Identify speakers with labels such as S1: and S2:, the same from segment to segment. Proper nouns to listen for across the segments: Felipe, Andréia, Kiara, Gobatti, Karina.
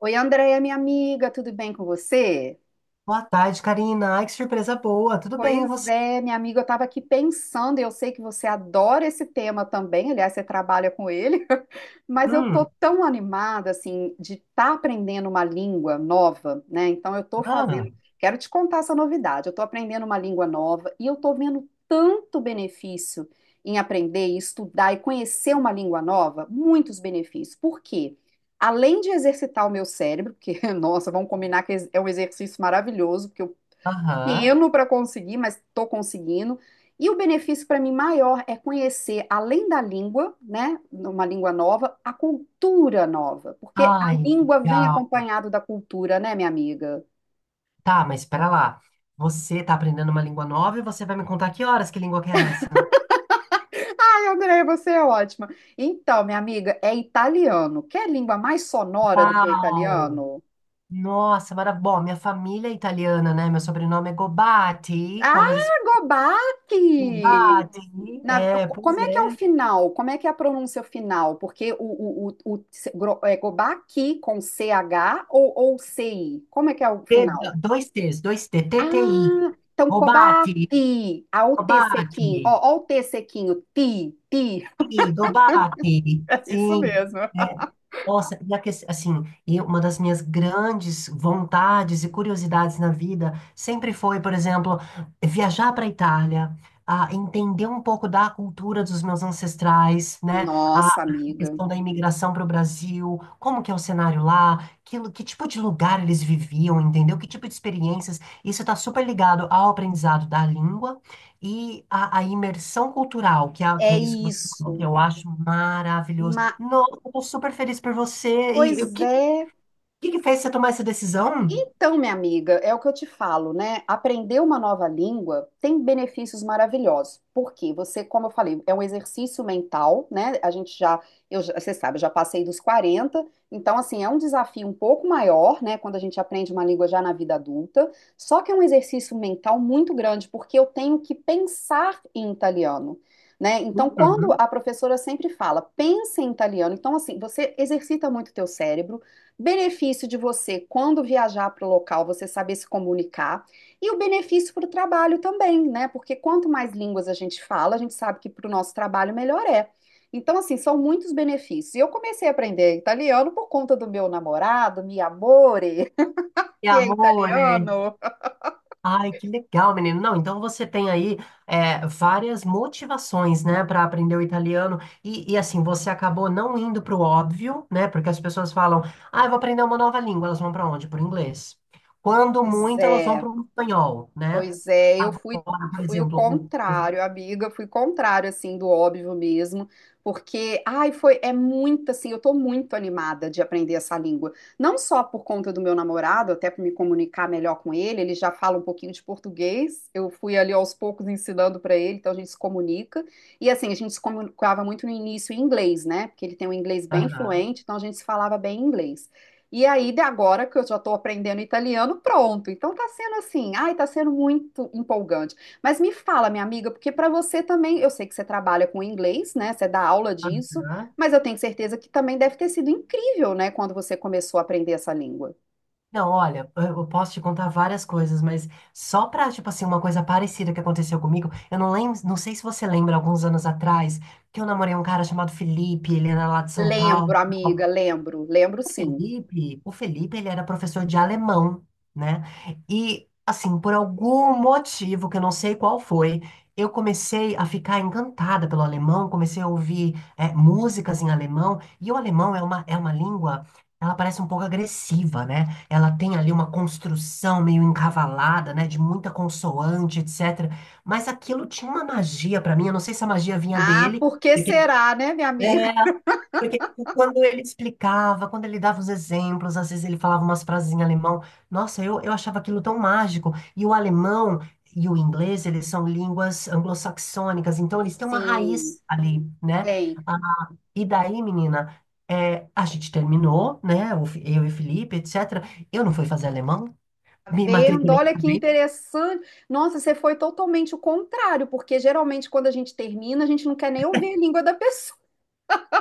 S1: Oi, Andréia, minha amiga, tudo bem com você?
S2: Boa tarde, Karina. Ai, que surpresa boa. Tudo bem, e
S1: Pois
S2: você?
S1: é, minha amiga, eu estava aqui pensando, e eu sei que você adora esse tema também, aliás, você trabalha com ele, mas eu tô
S2: Hum,
S1: tão animada, assim, de estar aprendendo uma língua nova, né? Então, eu tô
S2: ah,
S1: fazendo, quero te contar essa novidade, eu tô aprendendo uma língua nova e eu tô vendo tanto benefício em aprender, e estudar e conhecer uma língua nova, muitos benefícios. Por quê? Além de exercitar o meu cérebro, porque, nossa, vamos combinar que é um exercício maravilhoso, porque eu
S2: aham.
S1: pequeno para conseguir, mas estou conseguindo. E o benefício para mim maior é conhecer, além da língua, né, uma língua nova, a cultura nova, porque a
S2: Ai,
S1: língua vem
S2: legal.
S1: acompanhado da cultura, né, minha amiga?
S2: Tá, mas espera lá. Você tá aprendendo uma língua nova e você vai me contar que horas que língua que é essa?
S1: Ai, André, você é ótima. Então, minha amiga, é italiano. Quer língua mais sonora do que o
S2: Uau!
S1: italiano?
S2: Nossa, maravilha. Bom, minha família é italiana, né? Meu sobrenome é Gobatti,
S1: Ah,
S2: como eles.
S1: gobaque.
S2: Gobatti. É, pois
S1: Como é que é o
S2: é.
S1: final? Como é que é a pronúncia final? Porque o se- gro- é Gobaki com CH ou CI? Como é que é o
S2: T-
S1: final?
S2: dois T's, dois T, T T I.
S1: Ah, então
S2: Gobatti,
S1: Kobaki, a o T sequinho,
S2: Gobatti.
S1: ó, ó o T sequinho, ti, ti,
S2: Ih, Gobatti.
S1: é isso
S2: Sim.
S1: mesmo.
S2: é, Nossa, e assim, e uma das minhas grandes vontades e curiosidades na vida sempre foi, por exemplo, viajar para a Itália, a entender um pouco da cultura dos meus ancestrais, né? A
S1: Nossa, amiga,
S2: questão da imigração para o Brasil, como que é o cenário lá, que, que tipo de lugar eles viviam, entendeu? Que tipo de experiências. Isso está super ligado ao aprendizado da língua e à imersão cultural, que é, que
S1: é
S2: é isso que você falou, que
S1: isso.
S2: eu acho maravilhoso.
S1: Ma-
S2: Nossa, eu tô super feliz por você. E
S1: pois é,
S2: que fez você tomar essa decisão?
S1: Então, minha amiga, é o que eu te falo, né? Aprender uma nova língua tem benefícios maravilhosos. Porque você, como eu falei, é um exercício mental, né? A gente já, você sabe, eu já passei dos 40, então assim, é um desafio um pouco maior, né, quando a gente aprende uma língua já na vida adulta. Só que é um exercício mental muito grande, porque eu tenho que pensar em italiano. Né? Então, quando
S2: Uhum.
S1: a professora sempre fala, pensa em italiano, então assim, você exercita muito o teu cérebro. Benefício de você, quando viajar para o local, você saber se comunicar e o benefício para o trabalho também, né? Porque quanto mais línguas a gente fala, a gente sabe que para o nosso trabalho melhor é. Então, assim, são muitos benefícios. E eu comecei a aprender italiano por conta do meu namorado, mi amore,
S2: E
S1: que é
S2: amor, é.
S1: italiano.
S2: Ai, que legal, menino. Não, então você tem aí várias motivações, né, para aprender o italiano. E, assim, você acabou não indo para o óbvio, né? Porque as pessoas falam, ah, eu vou aprender uma nova língua. Elas vão para onde? Para o inglês. Quando
S1: Pois
S2: muito, elas vão
S1: é.
S2: para o espanhol, né?
S1: Pois é, eu fui,
S2: Agora, por
S1: fui o
S2: exemplo,
S1: contrário, amiga, fui contrário, assim, do óbvio mesmo, porque, ai, foi, é muito, assim, eu tô muito animada de aprender essa língua, não só por conta do meu namorado, até para me comunicar melhor com ele, ele já fala um pouquinho de português, eu fui ali aos poucos ensinando para ele, então a gente se comunica, e assim, a gente se comunicava muito no início em inglês, né, porque ele tem um inglês bem
S2: aham,
S1: fluente, então a gente se falava bem em inglês. E aí, de agora que eu já estou aprendendo italiano, pronto. Então tá sendo assim, ai, tá sendo muito empolgante. Mas me fala, minha amiga, porque para você também, eu sei que você trabalha com inglês, né? Você dá aula disso,
S2: aham.
S1: mas eu tenho certeza que também deve ter sido incrível, né, quando você começou a aprender essa língua.
S2: Não, olha, eu posso te contar várias coisas, mas só pra, tipo assim, uma coisa parecida que aconteceu comigo, eu não lembro, não sei se você lembra, alguns anos atrás, que eu namorei um cara chamado Felipe, ele era lá de São Paulo.
S1: Lembro, amiga, lembro, lembro
S2: O
S1: sim.
S2: Felipe, o Felipe, ele era professor de alemão, né? E, assim, por algum motivo, que eu não sei qual foi, eu comecei a ficar encantada pelo alemão, comecei a ouvir, músicas em alemão, e o alemão é uma língua, ela parece um pouco agressiva, né? Ela tem ali uma construção meio encavalada, né? De muita consoante, etc. Mas aquilo tinha uma magia para mim, eu não sei se a magia vinha
S1: Ah,
S2: dele,
S1: por que
S2: porque...
S1: será, né, minha amiga?
S2: é, porque quando ele explicava, quando ele dava os exemplos, às vezes ele falava umas frases em alemão. Nossa, eu achava aquilo tão mágico. E o alemão e o inglês, eles são línguas anglo-saxônicas, então eles têm uma
S1: Sim,
S2: raiz ali, né?
S1: tem.
S2: Ah, e daí, menina, a gente terminou, né? Eu e o Felipe, etc. Eu não fui fazer alemão, me
S1: Vendo?
S2: matriculei
S1: Olha que
S2: também.
S1: interessante. Nossa, você foi totalmente o contrário, porque geralmente quando a gente termina, a gente não quer nem ouvir a língua da pessoa.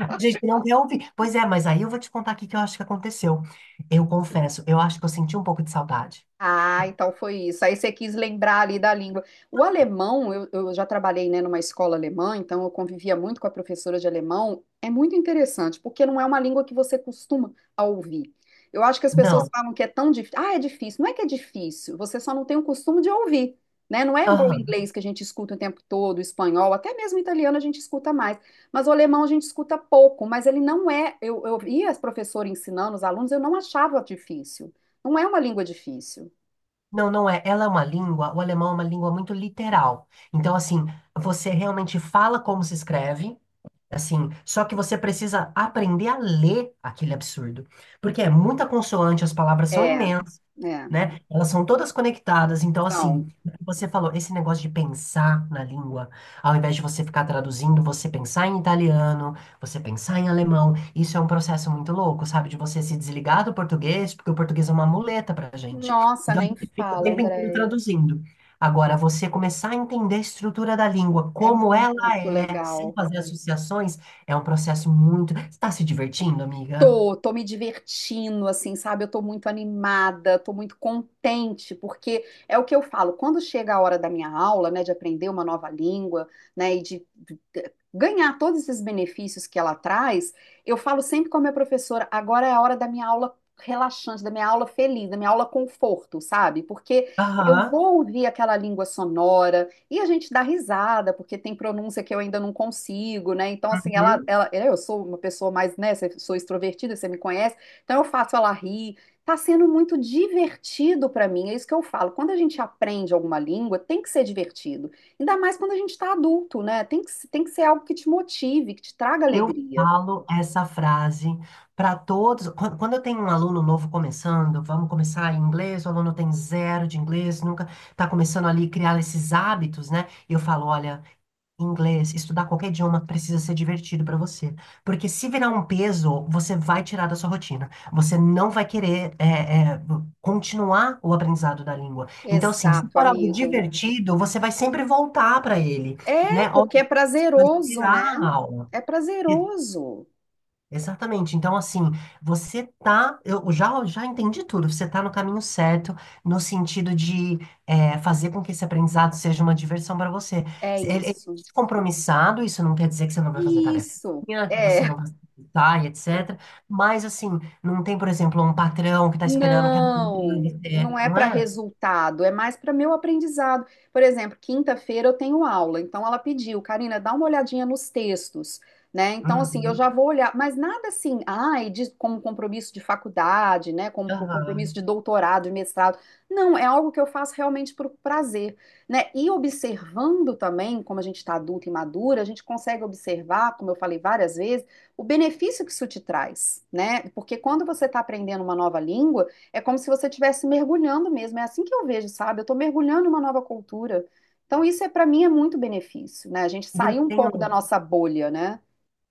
S2: A gente não quer ouvir. Pois é, mas aí eu vou te contar aqui o que eu acho que aconteceu. Eu confesso, eu acho que eu senti um pouco de saudade.
S1: Ah, então foi isso. Aí você quis lembrar ali da língua. O alemão, eu já trabalhei, né, numa escola alemã, então eu convivia muito com a professora de alemão. É muito interessante, porque não é uma língua que você costuma a ouvir. Eu acho que as pessoas
S2: Não.
S1: falam que é tão difícil. Ah, é difícil. Não é que é difícil, você só não tem o costume de ouvir, né? Não é igual o
S2: Aham.
S1: inglês que a gente escuta o tempo todo, o espanhol, até mesmo o italiano a gente escuta mais. Mas o alemão a gente escuta pouco, mas ele não é. Eu via as professoras ensinando os alunos, eu não achava difícil. Não é uma língua difícil.
S2: Não, não é. Ela é uma língua, o alemão é uma língua muito literal. Então, assim, você realmente fala como se escreve, assim, só que você precisa aprender a ler aquele absurdo. Porque é muita consoante, as palavras são,
S1: É, é,
S2: né? Elas são todas conectadas. Então,
S1: são.
S2: assim, o que você falou, esse negócio de pensar na língua, ao invés de você ficar traduzindo, você pensar em italiano, você pensar em alemão, isso é um processo muito louco, sabe? De você se desligar do português, porque o português é uma muleta pra gente.
S1: Nossa,
S2: Então, a
S1: nem
S2: gente fica o
S1: fala,
S2: tempo inteiro
S1: Andréia.
S2: traduzindo. Agora, você começar a entender a estrutura da língua,
S1: É
S2: como ela
S1: muito
S2: é, sem
S1: legal.
S2: fazer associações, é um processo muito. Você está se divertindo, amiga?
S1: Tô, tô me divertindo, assim, sabe? Eu tô muito animada, tô muito contente, porque é o que eu falo, quando chega a hora da minha aula, né, de aprender uma nova língua, né, e de ganhar todos esses benefícios que ela traz, eu falo sempre com a minha professora, agora é a hora da minha aula relaxante, da minha aula feliz, da minha aula conforto, sabe? Porque eu
S2: Aham.
S1: vou ouvir aquela língua sonora. E a gente dá risada, porque tem pronúncia que eu ainda não consigo, né? Então, assim,
S2: Uhum.
S1: é, eu sou uma pessoa mais, né? Sou extrovertida, você me conhece, então eu faço ela rir. Tá sendo muito divertido pra mim, é isso que eu falo. Quando a gente aprende alguma língua, tem que ser divertido. Ainda mais quando a gente tá adulto, né? Tem que ser algo que te motive, que te traga
S2: Eu
S1: alegria.
S2: falo essa frase para todos. Quando eu tenho um aluno novo começando, vamos começar em inglês, o aluno tem zero de inglês, nunca está começando ali a criar esses hábitos, né? E eu falo, olha, inglês, estudar qualquer idioma precisa ser divertido para você, porque se virar um peso, você vai tirar da sua rotina. Você não vai querer continuar o aprendizado da língua. Então, assim, se
S1: Exato,
S2: for algo
S1: amiga.
S2: divertido, você vai sempre voltar para ele,
S1: É,
S2: né? Ó,
S1: porque é
S2: vai
S1: prazeroso,
S2: tirar
S1: né?
S2: a aula.
S1: É prazeroso.
S2: Exatamente. Então, assim, você tá. Eu já entendi tudo. Você tá no caminho certo, no sentido de fazer com que esse aprendizado seja uma diversão para você.
S1: É
S2: Ele
S1: isso.
S2: é compromissado, isso não quer dizer que você não vai fazer
S1: Isso.
S2: tarefinha, que você
S1: É.
S2: não vai se exercitar e etc. Mas, assim, não tem, por exemplo, um patrão que tá esperando que a
S1: Não, não é
S2: não
S1: para
S2: é?
S1: resultado, é mais para meu aprendizado. Por exemplo, quinta-feira eu tenho aula, então ela pediu, Karina, dá uma olhadinha nos textos, né? Então, assim, eu
S2: Uhum.
S1: já vou olhar, mas nada assim, ai, de, como compromisso de faculdade, né? Como compromisso
S2: Aham.
S1: de doutorado, de mestrado. Não, é algo que eu faço realmente por prazer, né? E observando também, como a gente está adulta e madura, a gente consegue observar, como eu falei várias vezes o benefício que isso te traz, né? Porque quando você está aprendendo uma nova língua, é como se você estivesse mergulhando mesmo. É assim que eu vejo, sabe? Eu estou mergulhando em uma nova cultura. Então, isso é para mim é muito benefício, né? A gente
S2: E eu
S1: sair um pouco da
S2: tenho.
S1: nossa bolha, né?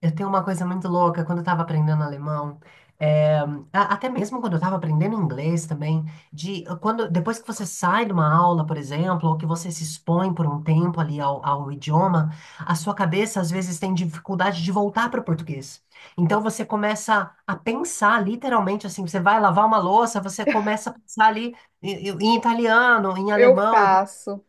S2: Eu tenho uma coisa muito louca quando eu estava aprendendo alemão, é, até mesmo quando eu estava aprendendo inglês também, quando depois que você sai de uma aula, por exemplo, ou que você se expõe por um tempo ali ao idioma, a sua cabeça às vezes tem dificuldade de voltar para o português. Então você começa a pensar literalmente assim, você vai lavar uma louça, você começa a pensar ali em italiano, em
S1: Eu
S2: alemão,
S1: faço,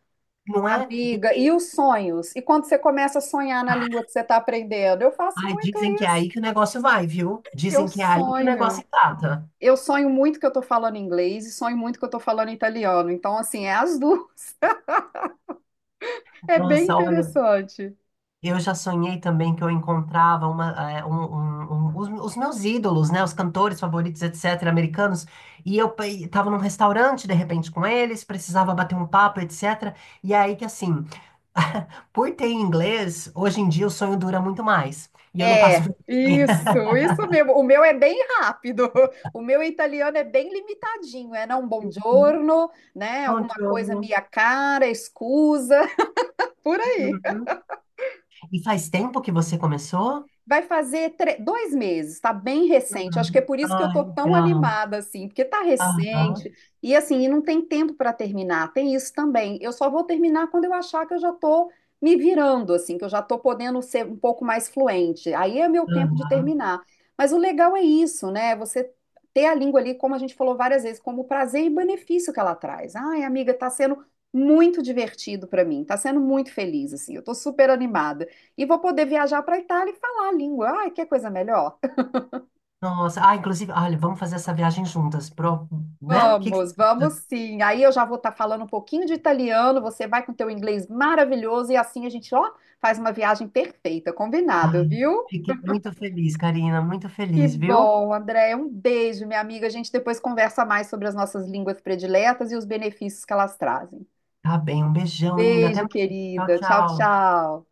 S2: não é? E,
S1: amiga, e
S2: e-
S1: os sonhos? E quando você começa a sonhar na língua que você está aprendendo? Eu faço
S2: ai,
S1: muito
S2: dizem que é
S1: isso.
S2: aí que o negócio vai, viu?
S1: Eu
S2: Dizem que é aí que o negócio
S1: sonho.
S2: trata.
S1: Eu sonho muito que eu estou falando inglês e sonho muito que eu estou falando italiano. Então, assim, é as duas. É bem
S2: Nossa, olha,
S1: interessante.
S2: eu já sonhei também que eu encontrava uma, é, um- um- um- os meus ídolos, né, os cantores favoritos, etc., americanos, e eu estava num restaurante, de repente, com eles, precisava bater um papo, etc., e aí que, assim, por ter em inglês, hoje em dia o sonho dura muito mais, e eu não passo
S1: É,
S2: vergonha.
S1: isso mesmo. O meu é bem rápido. O meu italiano é bem limitadinho. É não, buongiorno, né? Alguma coisa,
S2: Buongiorno.
S1: minha cara, excusa, por aí.
S2: Uhum. E faz tempo que você começou?
S1: Vai fazer dois meses, está bem recente. Acho que é
S2: Uhum.
S1: por isso que eu
S2: Ah,
S1: estou tão
S2: legal.
S1: animada, assim, porque está
S2: Aham,
S1: recente. E assim, e não tem tempo para terminar, tem isso também. Eu só vou terminar quando eu achar que eu já estou me virando, assim, que eu já estou podendo ser um pouco mais fluente. Aí é meu tempo de
S2: aham.
S1: terminar. Mas o legal é isso, né? Você ter a língua ali, como a gente falou várias vezes, como prazer e benefício que ela traz. Ai, amiga, está sendo muito divertido para mim, está sendo muito feliz, assim, eu estou super animada. E vou poder viajar para a Itália e falar a língua. Ai, que coisa melhor.
S2: Nossa, ah, inclusive, olha, vamos fazer essa viagem juntas, né? O que que você
S1: Vamos, vamos
S2: acha?
S1: sim. Aí eu já vou estar falando um pouquinho de italiano, você vai com teu inglês maravilhoso e assim a gente, ó, faz uma viagem perfeita, combinado,
S2: Ai,
S1: viu?
S2: fiquei muito feliz, Karina, muito
S1: Que
S2: feliz, viu?
S1: bom, Andréia. Um beijo, minha amiga. A gente depois conversa mais sobre as nossas línguas prediletas e os benefícios que elas trazem.
S2: Tá bem, um beijão, linda. Até
S1: Beijo,
S2: mais. Tchau,
S1: querida. Tchau,
S2: tchau.
S1: tchau.